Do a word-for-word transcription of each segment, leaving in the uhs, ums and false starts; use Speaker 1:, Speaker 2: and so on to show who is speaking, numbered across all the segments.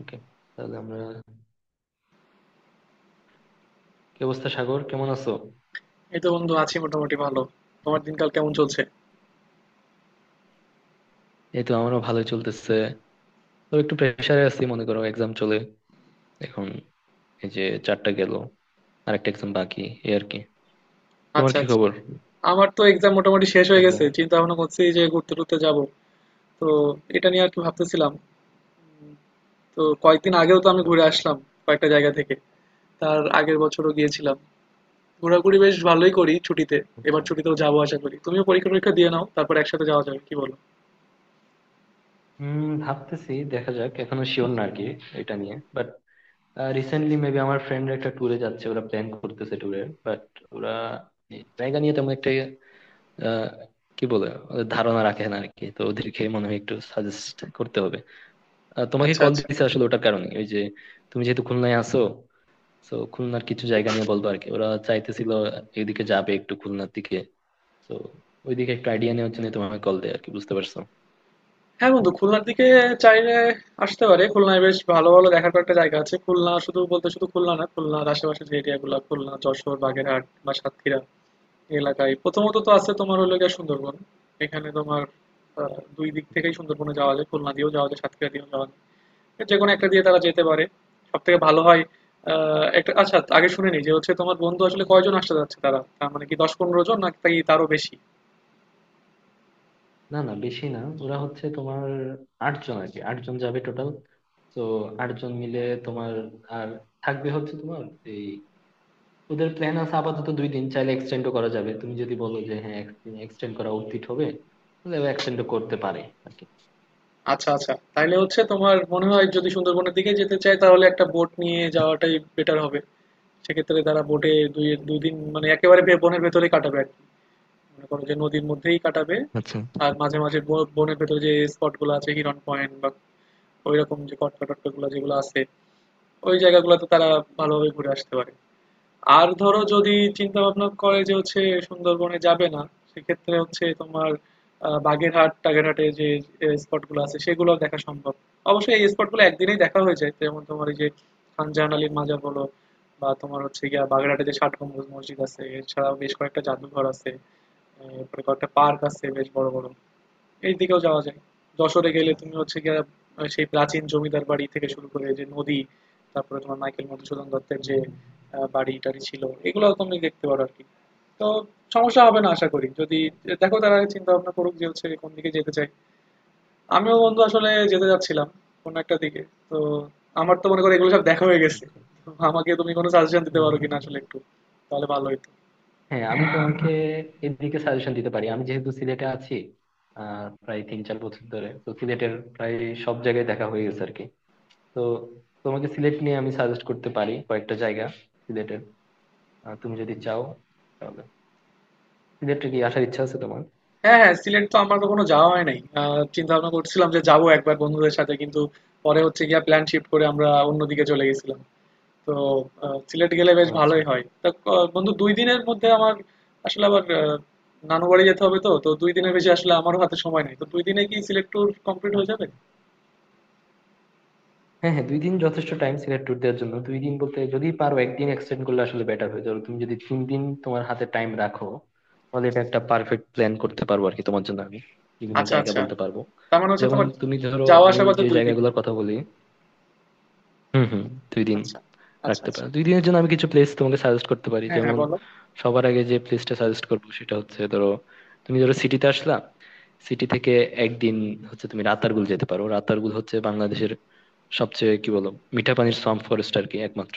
Speaker 1: ওকে। তাহলে আমরা কি অবস্থা, সাগর কেমন আছো?
Speaker 2: এই তো বন্ধু আছি মোটামুটি ভালো। তোমার দিনকাল কেমন চলছে?
Speaker 1: এই তো আমারও ভালোই চলতেছে। তো একটু প্রেশারে আছি, মনে করো এক্সাম চলে এখন। এই যে চারটা গেল, আরেকটা এক্সাম বাকি। এই আর কি। তোমার
Speaker 2: আচ্ছা
Speaker 1: কি
Speaker 2: আচ্ছা।
Speaker 1: খবর?
Speaker 2: আমার তো এক্সাম মোটামুটি শেষ হয়ে গেছে,
Speaker 1: এক্সামের।
Speaker 2: চিন্তা ভাবনা করছি যে ঘুরতে টুরতে যাব। তো এটা নিয়ে আর কি ভাবতেছিলাম। তো কয়েকদিন আগেও তো আমি ঘুরে
Speaker 1: আচ্ছা
Speaker 2: আসলাম কয়েকটা জায়গা থেকে, তার আগের বছরও গিয়েছিলাম। ঘোরাঘুরি বেশ ভালোই করি ছুটিতে। এবার
Speaker 1: আচ্ছা।
Speaker 2: ছুটিতেও যাবো আশা করি, তুমিও পরীক্ষা টরীক্ষা দিয়ে নাও, তারপর একসাথে যাওয়া যাবে, কি বলো?
Speaker 1: উম ভাবতেছি, দেখা যাক, এখনো শিওর না আর কি এটা নিয়ে, বাট রিসেন্টলি মেবি আমার ফ্রেন্ডরা একটা ট্যুরে যাচ্ছে, ওরা প্ল্যান করতেছে ট্যুরের, বাট ওরা এই জায়গা নিয়ে তেমন একটা আহ, কি বলে, ওদের ধারণা রাখে না আর কি। তো ওদেরকে মনে হয় একটু সাজেস্ট করতে হবে। আহ, তোমাকে
Speaker 2: আচ্ছা
Speaker 1: কল
Speaker 2: আচ্ছা।
Speaker 1: দিছে আসলে ওটার কারণে, ওই যে তুমি যেহেতু খুলনায় আছো, তো খুলনার কিছু জায়গা নিয়ে বলবো আর কি। ওরা চাইতেছিল এদিকে যাবে, একটু খুলনার দিকে। তো ওইদিকে একটু আইডিয়া নেওয়ার জন্য তোমাকে কল দেয় আর কি, বুঝতে পারছো?
Speaker 2: হ্যাঁ বন্ধু, খুলনার দিকে চাইলে আসতে পারে। খুলনায় বেশ ভালো ভালো দেখার কয়েকটা জায়গা আছে। খুলনা শুধু বলতে, শুধু খুলনা না, খুলনার আশেপাশে যে এরিয়াগুলো — খুলনা, যশোর, বাগেরহাট বা সাতক্ষীরা — এই এলাকায় প্রথমত তো আছে তোমার হলো গিয়ে সুন্দরবন। এখানে তোমার আহ, দুই দিক থেকেই সুন্দরবনে যাওয়া যায়, খুলনা দিয়েও যাওয়া যায়, সাতক্ষীরা দিয়েও যাওয়া যায়। যে কোনো একটা দিয়ে তারা যেতে পারে, সব থেকে ভালো হয়। আহ একটা, আচ্ছা আগে শুনে নিই, যে হচ্ছে তোমার বন্ধু আসলে কয়জন আসতে যাচ্ছে? তারা তার মানে কি দশ পনেরো জন নাকি তারও বেশি?
Speaker 1: না না, বেশি না, ওরা হচ্ছে তোমার আটজন আর কি, আটজন যাবে টোটাল। তো আটজন মিলে তোমার আর থাকবে হচ্ছে তোমার এই ওদের প্ল্যান আছে আপাতত দুই দিন, চাইলে এক্সটেন্ডও করা যাবে, তুমি যদি বলো যে হ্যাঁ এক্সটেন্ড করা উচিত হবে তাহলে এক্সটেন্ডও করতে পারে আর কি।
Speaker 2: আচ্ছা আচ্ছা। তাইলে হচ্ছে তোমার, মনে হয় যদি সুন্দরবনের দিকে যেতে চাই তাহলে একটা বোট নিয়ে যাওয়াটাই বেটার হবে। সেক্ষেত্রে তারা বোটে দুই দুদিন মানে একেবারে বে- বনের ভেতরেই কাটাবে আর কি। মনে করো যে নদীর মধ্যেই কাটাবে। আর মাঝে মাঝে ব- বনের ভেতরে যে স্পট গুলো আছে, হিরন পয়েন্ট বা ওইরকম যে কটকা টটকা গুলো যেগুলো আছে, ওই জায়গাগুলোতে তারা ভালোভাবে ঘুরে আসতে পারে। আর ধরো যদি চিন্তা ভাবনা করে যে হচ্ছে সুন্দরবনে যাবে না, সেক্ষেত্রে হচ্ছে তোমার আহ, বাগেরহাট টাগেরহাটে যে স্পটগুলো আছে সেগুলো দেখা সম্ভব। অবশ্যই এই স্পটগুলো একদিনেই দেখা হয়ে যায়। যেমন তোমার এই যে খানজাহান আলীর মাজার বলো বা তোমার হচ্ছে গিয়া বাগেরহাটে যে ষাট গম্বুজ মসজিদ আছে, এছাড়াও বেশ কয়েকটা জাদুঘর আছে। আহ, এরপরে কয়েকটা পার্ক আছে বেশ বড় বড়, এই দিকেও যাওয়া যায়। যশোরে গেলে
Speaker 1: আচ্ছা।
Speaker 2: তুমি হচ্ছে গিয়ে সেই প্রাচীন জমিদার বাড়ি থেকে শুরু করে যে নদী, তারপরে তোমার মাইকেল মধুসূদন দত্তের
Speaker 1: হুম
Speaker 2: যে
Speaker 1: হুম।
Speaker 2: আহ, বাড়ি টাড়ি ছিল এগুলো তুমি দেখতে পারো আর কি। তো সমস্যা হবে না আশা করি। যদি দেখো তারা চিন্তা ভাবনা করুক যে হচ্ছে কোন দিকে যেতে চাই। আমিও বন্ধু আসলে যেতে যাচ্ছিলাম কোন একটা দিকে, তো আমার তো মনে করো এগুলো সব দেখা হয়ে গেছে।
Speaker 1: আচ্ছা।
Speaker 2: তো আমাকে তুমি কোনো সাজেশন দিতে
Speaker 1: হম
Speaker 2: পারো
Speaker 1: হম।
Speaker 2: কিনা আসলে একটু, তাহলে ভালো হতো।
Speaker 1: হ্যাঁ আমি তোমাকে এদিকে সাজেশন দিতে পারি, আমি যেহেতু সিলেটে আছি আহ প্রায় তিন চার বছর ধরে, তো সিলেটের প্রায় সব জায়গায় দেখা হয়ে গেছে আর কি। তো তোমাকে সিলেট নিয়ে আমি সাজেস্ট করতে পারি কয়েকটা জায়গা সিলেটের। আহ, তুমি যদি চাও তাহলে সিলেটে কি আসার ইচ্ছা আছে তোমার?
Speaker 2: হ্যাঁ, হ্যাঁ, সিলেট তো আমার কখনো যাওয়া হয় নাই। আহ, চিন্তা ভাবনা করছিলাম যে যাবো একবার বন্ধুদের সাথে, কিন্তু পরে হচ্ছে গিয়া প্ল্যান শিফট করে আমরা অন্যদিকে চলে গেছিলাম। তো আহ, সিলেট গেলে বেশ
Speaker 1: আচ্ছা
Speaker 2: ভালোই হয়। তা ক- বন্ধু, দুই দিনের মধ্যে আমার আসলে আবার আহ, নানু বাড়ি যেতে হবে, তো তো দুই দিনের বেশি আসলে আমারও হাতে সময় নাই। তো দুই দিনে কি সিলেট ট্যুর কমপ্লিট হয়ে
Speaker 1: আচ্ছা।
Speaker 2: যাবে?
Speaker 1: হ্যাঁ হ্যাঁ, দুই দিন যথেষ্ট টাইম সিলেট ট্যুর দেওয়ার জন্য। দুই দিন বলতে, যদি পারো একদিন এক্সটেন্ড করলে আসলে বেটার হয়ে যাবে। তুমি যদি তিন দিন তোমার হাতে টাইম রাখো তাহলে এটা একটা পারফেক্ট প্ল্যান করতে পারবো আর কি। তোমার জন্য আমি বিভিন্ন
Speaker 2: আচ্ছা
Speaker 1: জায়গা
Speaker 2: আচ্ছা।
Speaker 1: বলতে পারবো,
Speaker 2: তার মানে হচ্ছে
Speaker 1: যেমন
Speaker 2: তোমার
Speaker 1: তুমি ধরো
Speaker 2: যাওয়া
Speaker 1: আমি
Speaker 2: আসা বাদে
Speaker 1: যে
Speaker 2: দুই দিন।
Speaker 1: জায়গাগুলোর কথা বলি। হুম হুম। দুই দিন
Speaker 2: আচ্ছা আচ্ছা
Speaker 1: রাখতে
Speaker 2: আচ্ছা।
Speaker 1: পারো, দুই দিনের জন্য আমি কিছু প্লেস তোমাকে সাজেস্ট করতে পারি।
Speaker 2: হ্যাঁ হ্যাঁ,
Speaker 1: যেমন
Speaker 2: বলো।
Speaker 1: সবার আগে যে প্লেসটা সাজেস্ট করবো সেটা হচ্ছে, ধরো তুমি ধরো সিটিতে আসলা, সিটি থেকে একদিন হচ্ছে তুমি রাতারগুল যেতে পারো। রাতারগুল হচ্ছে বাংলাদেশের সবচেয়ে কি বলো, মিঠা পানির সোয়াম্প ফরেস্ট আর কি, একমাত্র।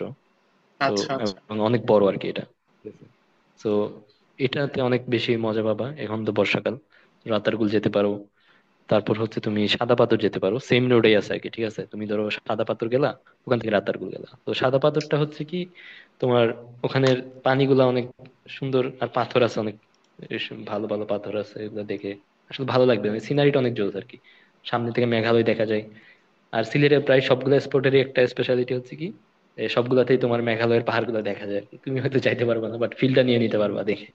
Speaker 1: তো
Speaker 2: আচ্ছা আচ্ছা
Speaker 1: এবং অনেক বড় আর কি এটা। তো এটাতে অনেক বেশি মজা পাবা, এখন তো বর্ষাকাল, রাতারগুল যেতে পারো। তারপর হচ্ছে তুমি সাদা পাথর যেতে পারো, সেম রোডেই আছে আর কি, ঠিক আছে। তুমি ধরো সাদা পাথর গেলা, ওখান থেকে রাতারগুল গেলা। তো সাদা পাথরটা হচ্ছে কি তোমার, ওখানের পানিগুলা অনেক সুন্দর, আর পাথর আছে অনেক। এস- ভালো ভালো পাথর আছে, এগুলো দেখে আসলে ভালো লাগবে, মানে সিনারিটা অনেক জোস আর কি। সামনে থেকে মেঘালয় দেখা যায়। আর সিলেটের প্রায় সবগুলো স্পটেরই একটা স্পেশালিটি হচ্ছে কি, এ, সবগুলাতেই তোমার মেঘালয়ের পাহাড়গুলো দেখা যায় আর কি। তুমি হয়তো যাইতে পারবা না, বাট ফিল্ডটা নিয়ে নিতে পারবা দেখে।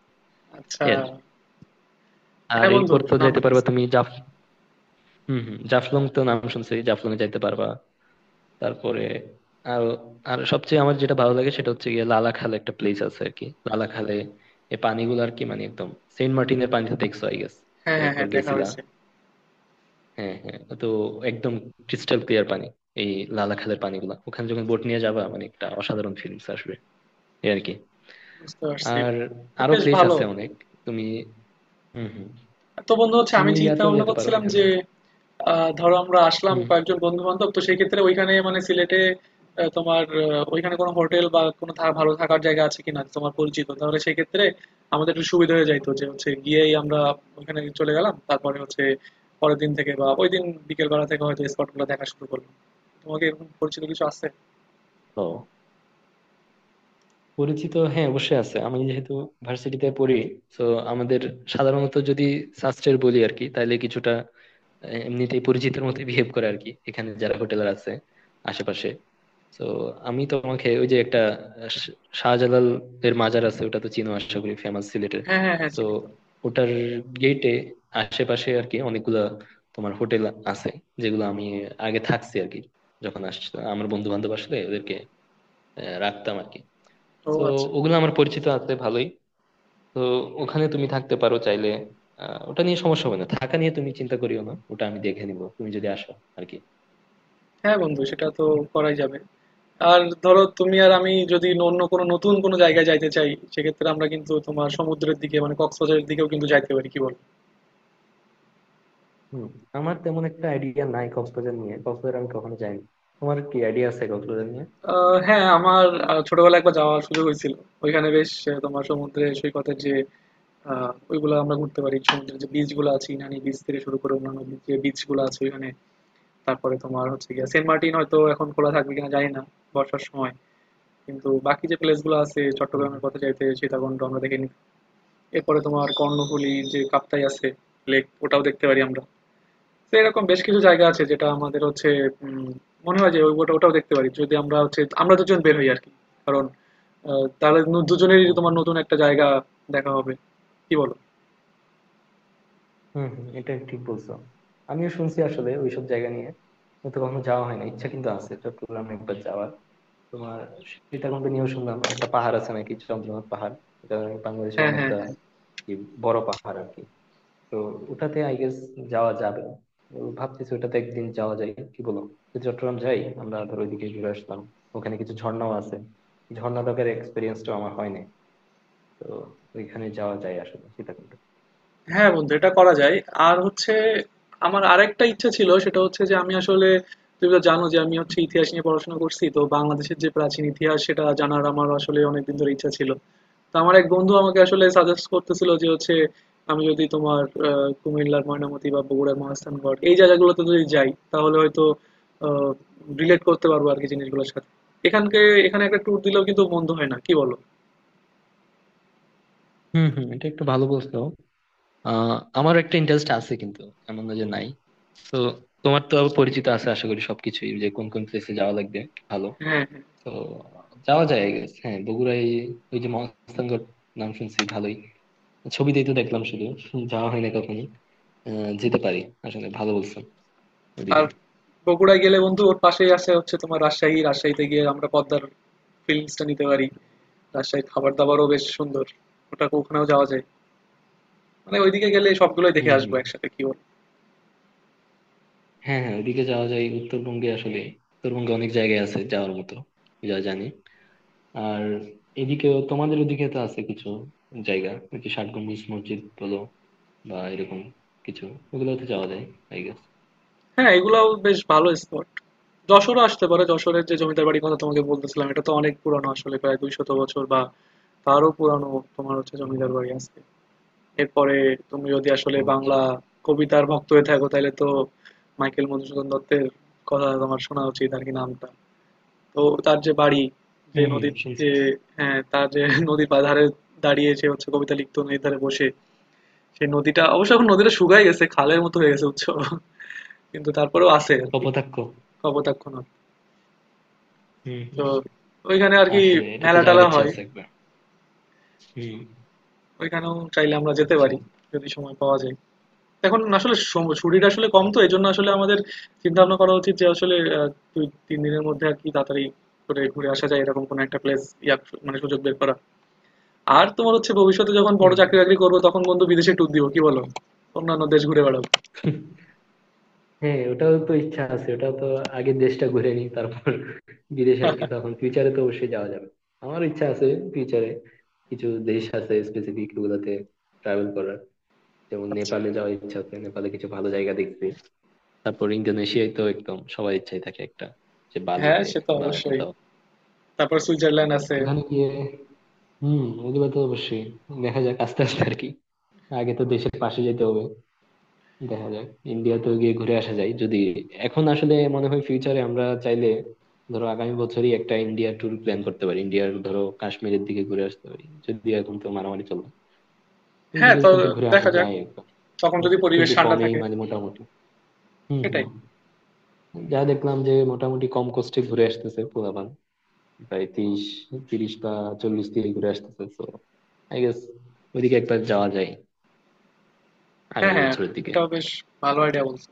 Speaker 2: আচ্ছা।
Speaker 1: এই আর কি। আর
Speaker 2: হ্যাঁ বন্ধু,
Speaker 1: এরপর তো
Speaker 2: নাম
Speaker 1: যাইতে পারবা
Speaker 2: শুনছি তো।
Speaker 1: তুমি, হম হম, জাফলং, তো নাম শুনছি, জাফলং এ যাইতে পারবা। তারপরে আর আর সবচেয়ে আমার যেটা ভালো লাগে সেটা হচ্ছে গিয়ে লালাখালে একটা প্লেস আছে আর কি, লালাখালে। এই পানিগুলো আর কি, মানে একদম সেন্ট মার্টিনের পানিতে দেখছো, আই গেস
Speaker 2: হ্যাঁ হ্যাঁ
Speaker 1: একবার
Speaker 2: হ্যাঁ, দেখা
Speaker 1: গেছিলা।
Speaker 2: হয়েছে।
Speaker 1: হ্যাঁ হ্যাঁ, তো একদম ক্রিস্টাল ক্লিয়ার পানি এই লালাখালের পানিগুলা। ওখানে যখন বোট নিয়ে যাবা মানে একটা অসাধারণ ফিলিংস আসবে। এই আর কি।
Speaker 2: বুঝতে পারছি।
Speaker 1: আর
Speaker 2: তা
Speaker 1: আরো
Speaker 2: বেশ
Speaker 1: প্লেস
Speaker 2: ভালো।
Speaker 1: আছে অনেক। তুমি, হম হম,
Speaker 2: তো বন্ধু হচ্ছে
Speaker 1: তুমি
Speaker 2: আমি চিন্তা
Speaker 1: ইয়াতেও
Speaker 2: ভাবনা
Speaker 1: যেতে পারো
Speaker 2: করছিলাম
Speaker 1: এখানে।
Speaker 2: যে আহ, ধরো আমরা আসলাম
Speaker 1: হম।
Speaker 2: কয়েকজন বন্ধু বান্ধব, তো সেই ক্ষেত্রে ওইখানে মানে সিলেটে আহ, তোমার আহ, ওইখানে কোনো হোটেল বা কোনো থা- ভালো থাকার জায়গা আছে কিনা তোমার পরিচিত, তাহলে সেই ক্ষেত্রে আমাদের একটু সুবিধা হয়ে যাইতো। যে হচ্ছে গিয়েই আমরা ওইখানে চলে গেলাম, তারপরে হচ্ছে পরের দিন থেকে বা ওই দিন বিকেল বেলা থেকে হয়তো স্পট গুলো দেখা শুরু করলাম। তোমাকে এরকম পরিচিত কিছু আছে?
Speaker 1: ও, পরিচিত হ্যাঁ অবশ্যই আছে, আমি যেহেতু ভার্সিটিতে পড়ি। তো আমাদের সাধারণত যদি শাস্ত্রের বলি আর কি, তাহলে কিছুটা আহ, এমনিতেই পরিচিতের মতো বিহেভ করে আর কি, এখানে যারা হোটেলার আছে আশেপাশে। তো আমি তোমাকে ওই যে একটা, আহ, শ- শাহজালাল এর মাজার আছে, ওটা তো চিনো আশা করি, ফেমাস সিলেটের।
Speaker 2: হ্যাঁ হ্যাঁ হ্যাঁ,
Speaker 1: তো
Speaker 2: চিনি তো।
Speaker 1: ওটার গেটে আশেপাশে আর কি অনেকগুলা তোমার হোটেল আছে, যেগুলো আমি আগে থাকছি আর কি, যখন আসছিলাম আমার বন্ধু বান্ধব আসলে ওদেরকে আহ, রাখতাম আর কি।
Speaker 2: ও
Speaker 1: তো
Speaker 2: আচ্ছা।
Speaker 1: ওগুলো আমার পরিচিত আছে ভালোই। তো ওখানে তুমি থাকতে পারো চাইলে। আহ, ওটা নিয়ে সমস্যা হবে না, থাকা নিয়ে তুমি চিন্তা করিও না, ওটা আমি দেখে নিবো তুমি যদি আসো আর কি।
Speaker 2: হ্যাঁ বন্ধু, সেটা তো করাই যাবে। আর ধরো তুমি আর আমি যদি অন্য কোনো নতুন কোনো জায়গায় যাইতে চাই, সেক্ষেত্রে আমরা কিন্তু তোমার সমুদ্রের দিকে, মানে কক্সবাজারের দিকেও কিন্তু যাইতে পারি, কি বল?
Speaker 1: হুম। আমার তেমন একটা আইডিয়া নাই কক্সবাজার নিয়ে, কক্সবাজার আমি কখনো যাইনি। তোমার কি আইডিয়া আছে কক্সবাজার নিয়ে?
Speaker 2: আহ, হ্যাঁ আমার আহ, ছোটবেলায় একবার যাওয়ার সুযোগ হয়েছিল। ওইখানে বেশ আহ, তোমার সমুদ্রে সৈকতের যে আহ, ওইগুলো আমরা ঘুরতে পারি। সমুদ্রের যে বিচ গুলো আছে, ইনানি বিচ থেকে শুরু করে অন্যান্য যে বিচ গুলো আছে ওইখানে। তারপরে তোমার হচ্ছে গিয়ে সেন্ট মার্টিন, হয়তো এখন খোলা থাকবে কিনা জানি না বর্ষার সময়। কিন্তু বাকি যে প্লেস গুলো আছে
Speaker 1: হুম
Speaker 2: চট্টগ্রামের, কথা চাইতে সীতাকুণ্ড আমরা দেখে নিতে। এরপরে তোমার কর্ণফুলী যে কাপ্তাই আছে লেক, ওটাও দেখতে পারি আমরা। তো এরকম বেশ কিছু জায়গা আছে যেটা আমাদের হচ্ছে উম, মনে হয় যে ওই- ওটা ওটাও দেখতে পারি যদি আমরা হচ্ছে আমরা দুজন বের হই আর কি। কারণ আহ, তাহলে নু- দুজনেরই
Speaker 1: হুম।
Speaker 2: তোমার নতুন একটা জায়গা দেখা হবে, কি বলো?
Speaker 1: হুম হুম, এটা ঠিক বলছো। আমিও শুনছি আসলে ওইসব জায়গা নিয়ে, কিন্তু কখনো যাওয়া হয় না। ইচ্ছা কিন্তু আছে চট্টগ্রাম একবার যাওয়ার। তোমার সীতাকুণ্ড নিয়েও শুনলাম একটা পাহাড় আছে নাকি, চন্দ্রনাথ পাহাড়। এটা বাংলাদেশে
Speaker 2: হ্যাঁ হ্যাঁ
Speaker 1: অনেকটা
Speaker 2: হ্যাঁ।
Speaker 1: কি বড় পাহাড় আর কি। তো ওটাতে আই গেস যাওয়া যাবে। তো ভাবতেছি ওটাতে একদিন যাওয়া যায় কি বলো। তো চট্টগ্রাম যাই আমরা, ধর ওইদিকে ঘুরে আসলাম। ওখানে কিছু ঝর্ণাও আছে, ঝর্ণা দেখার এক্সপিরিয়েন্সটাও আমার হয়নি। তো ওইখানে যাওয়া যায় আসলে, সীতাকুণ্ড।
Speaker 2: হ্যাঁ বন্ধু, এটা করা যায়। আর হচ্ছে আমার আরেকটা ইচ্ছা ছিল, সেটা হচ্ছে যে আমি আসলে — তুমি তো জানো যে আমি হচ্ছে ইতিহাস নিয়ে পড়াশোনা করছি, তো বাংলাদেশের যে প্রাচীন ইতিহাস সেটা জানার আমার আসলে অনেকদিন ধরে ইচ্ছা ছিল। তো আমার এক বন্ধু আমাকে আসলে সাজেস্ট করতেছিল যে হচ্ছে আমি যদি তোমার আহ, কুমিল্লার ময়নামতি বা বগুড়ার মহাস্থানগড়, এই জায়গাগুলোতে যদি যাই তাহলে হয়তো রিলেট করতে পারবো আর কি জিনিসগুলোর সাথে। এখানকে এখানে একটা ট্যুর দিলেও কিন্তু মন্দ হয় না, কি বলো?
Speaker 1: হম হম, এটা একটু ভালো বলছো। আহ আমার একটা ইন্টারেস্ট আছে কিন্তু, এমন না যে নাই। তো তোমার তো আবার পরিচিত আছে আশা করি সবকিছুই, যে কোন কোন প্লেসে যাওয়া লাগবে, ভালো।
Speaker 2: হ্যাঁ হ্যাঁ।
Speaker 1: তো যাওয়া যায় I guess। হ্যাঁ বগুড়ায় ওই যে মহাস্থানগড়, নাম শুনছি ভালোই, ছবিতেই তো দেখলাম শুধু, যাওয়া হয় না কখনো। আহ, যেতে পারি আসলে, ভালো বলছো ওদিকে।
Speaker 2: আর বগুড়া গেলে বন্ধু ওর পাশেই আছে হচ্ছে তোমার রাজশাহী। রাজশাহীতে গিয়ে আমরা পদ্মার ফিলিংসটা নিতে পারি। রাজশাহীর খাবার দাবারও বেশ সুন্দর। ওটা ওখানেও যাওয়া যায়। মানে ওইদিকে গেলে সবগুলোই দেখে
Speaker 1: হম
Speaker 2: আসবো
Speaker 1: হম।
Speaker 2: একসাথে, কি বল?
Speaker 1: হ্যাঁ হ্যাঁ, ওদিকে যাওয়া যায় উত্তরবঙ্গে আসলে, উত্তরবঙ্গে অনেক জায়গায় আছে যাওয়ার মতো, যা জানি। আর এদিকেও তোমাদের ওদিকে তো আছে কিছু জায়গা, ওই যে ষাট গম্বুজ মসজিদ বলো বা এরকম কিছু, ওগুলোতে যাওয়া যায় আই গেস।
Speaker 2: হ্যাঁ, এগুলাও বেশ ভালো স্পট। যশোরও আসতে পারো, যশোরের যে জমিদার বাড়ির কথা তোমাকে বলতেছিলাম এটা তো অনেক পুরানো, আসলে প্রায় দুইশত বছর বা তারও পুরানো। তোমার হচ্ছে জমিদার
Speaker 1: হম।
Speaker 2: বাড়ি আছে। এরপরে তুমি যদি আসলে
Speaker 1: ও আচ্ছা।
Speaker 2: বাংলা কবিতার ভক্ত হয়ে থাকো, তাহলে তো মাইকেল মধুসূদন দত্তের কথা তোমার শোনা উচিত আর কি, নামটা। তো তার যে বাড়ি, যে
Speaker 1: হম হম,
Speaker 2: নদীর
Speaker 1: শুনছি।
Speaker 2: যে — হ্যাঁ, তার যে নদীর ধারে দাঁড়িয়ে সে হচ্ছে কবিতা লিখতো, নদীর ধারে বসে। সেই নদীটা অবশ্য এখন, নদীটা শুকায় গেছে, খালের মতো হয়ে গেছে উৎস, কিন্তু তারপরেও আছে আর কি।
Speaker 1: কপোতাক্ষ।
Speaker 2: কপোতাক্ষ নদ।
Speaker 1: হম
Speaker 2: তো
Speaker 1: হম।
Speaker 2: ওইখানে আর কি
Speaker 1: আসলে এটাতে
Speaker 2: মেলা
Speaker 1: যাওয়ার
Speaker 2: টেলা
Speaker 1: ইচ্ছা
Speaker 2: হয়।
Speaker 1: আছে একবার। হম।
Speaker 2: ওইখানেও চাইলে আমরা যেতে
Speaker 1: আচ্ছা।
Speaker 2: পারি যদি সময় পাওয়া যায়। এখন আসলে সম- শরীর আসলে কম, তো এই জন্য আসলে আমাদের চিন্তা ভাবনা করা উচিত যে আসলে আহ, দুই তিন দিনের মধ্যে আর কি তাড়াতাড়ি করে ঘুরে আসা যায় এরকম কোনো একটা প্লেস। ইয়া মানে সুযোগ বের করা। আর তোমার হচ্ছে ভবিষ্যতে যখন বড় চাকরি
Speaker 1: হম
Speaker 2: বাকরি করবো তখন বন্ধু বিদেশে ট্যুর দিব, কি বলো? অন্যান্য দেশ ঘুরে বেড়াবো।
Speaker 1: হম। হ্যাঁ ওটাও তো ইচ্ছা আছে, ওটাও তো, আগে দেশটা ঘুরে নিই তারপর বিদেশ আর কি, তখন ফিউচারে তো অবশ্যই যাওয়া যাবে। আমার ইচ্ছা আছে ফিউচারে, কিছু দেশ আছে স্পেসিফিক ওগুলাতে ট্রাভেল করার, যেমন
Speaker 2: আচ্ছা।
Speaker 1: নেপালে যাওয়ার ইচ্ছা আছে, নেপালে কিছু ভালো জায়গা দেখতে। তারপর ইন্দোনেশিয়ায় তো একদম সবার ইচ্ছাই থাকে একটা, যে
Speaker 2: হ্যাঁ,
Speaker 1: বালিতে
Speaker 2: সে তো
Speaker 1: বা
Speaker 2: অবশ্যই।
Speaker 1: কোথাও
Speaker 2: তারপর সুইজারল্যান্ড আছে।
Speaker 1: ওখানে গিয়ে। হম, ওগুলো তো অবশ্যই, দেখা যাক আস্তে আস্তে আর কি। আগে তো দেশের পাশে যেতে হবে, দেখা যাক। ইন্ডিয়াতেও গিয়ে ঘুরে আসা যায় যদি, এখন আসলে মনে হয় ফিউচারে আমরা চাইলে, ধরো আগামী বছরই একটা ইন্ডিয়া ট্যুর প্ল্যান করতে পারি, ইন্ডিয়ার ধরো কাশ্মীরের দিকে ঘুরে আসতে পারি। যদি এখন তো মারামারি চলো,
Speaker 2: হ্যাঁ।
Speaker 1: ওইদিকে
Speaker 2: তো
Speaker 1: কিন্তু ঘুরে আসা
Speaker 2: দেখা যাক,
Speaker 1: যায় একবার।
Speaker 2: তখন যদি
Speaker 1: Cost
Speaker 2: পরিবেশ
Speaker 1: কিন্তু
Speaker 2: ঠান্ডা
Speaker 1: কমেই,
Speaker 2: থাকে।
Speaker 1: মানে মোটামুটি। হম হম।
Speaker 2: সেটাই।
Speaker 1: যা দেখলাম যে মোটামুটি কম কষ্টে ঘুরে আসতেছে পোলাপান, প্রায় তিরিশ তিরিশ বা চল্লিশ দিয়ে ঘুরে আসতেছে। তো আই গেস ওইদিকে একবার যাওয়া যায়,
Speaker 2: হ্যাঁ,
Speaker 1: আগামী
Speaker 2: হ্যাঁ।
Speaker 1: বছরের দিকে।
Speaker 2: এটাও বেশ ভালো আইডিয়া বলছো।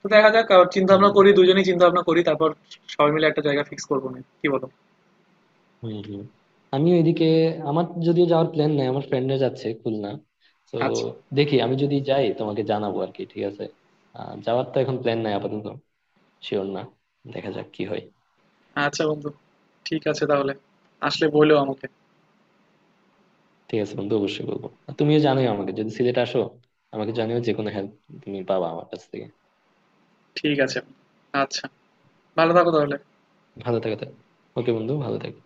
Speaker 2: তো দেখা যাক, আ চিন্তা ভাবনা
Speaker 1: হম
Speaker 2: করি, দুজনেই চিন্তা ভাবনা করি। তারপর সবাই মিলে একটা জায়গা ফিক্স করবো নে। কি বলো?
Speaker 1: হম। হম। আমিও এদিকে, আমার যদিও যাওয়ার প্ল্যান নাই, আমার ফ্রেন্ডরা যাচ্ছে খুলনা। তো
Speaker 2: আচ্ছা,
Speaker 1: দেখি, আমি যদি যাই তোমাকে জানাবো আর কি, ঠিক আছে? আহ, যাওয়ার তো এখন প্ল্যান নাই আপাতত, শিওর না, দেখা যাক কি হয়।
Speaker 2: আচ্ছা বন্ধু। ঠিক আছে তাহলে। আসলে বইলো আমাকে।
Speaker 1: ঠিক আছে বন্ধু, অবশ্যই বলবো। আর তুমিও জানোই আমাকে, যদি সিলেট আসো আমাকে জানিও, যে কোনো হেল্প তুমি পাবা আমার কাছ থেকে।
Speaker 2: ঠিক আছে। আচ্ছা। ভালো থাকো তাহলে।
Speaker 1: ভালো থাকো তাহলে। ওকে বন্ধু, ভালো থাকো।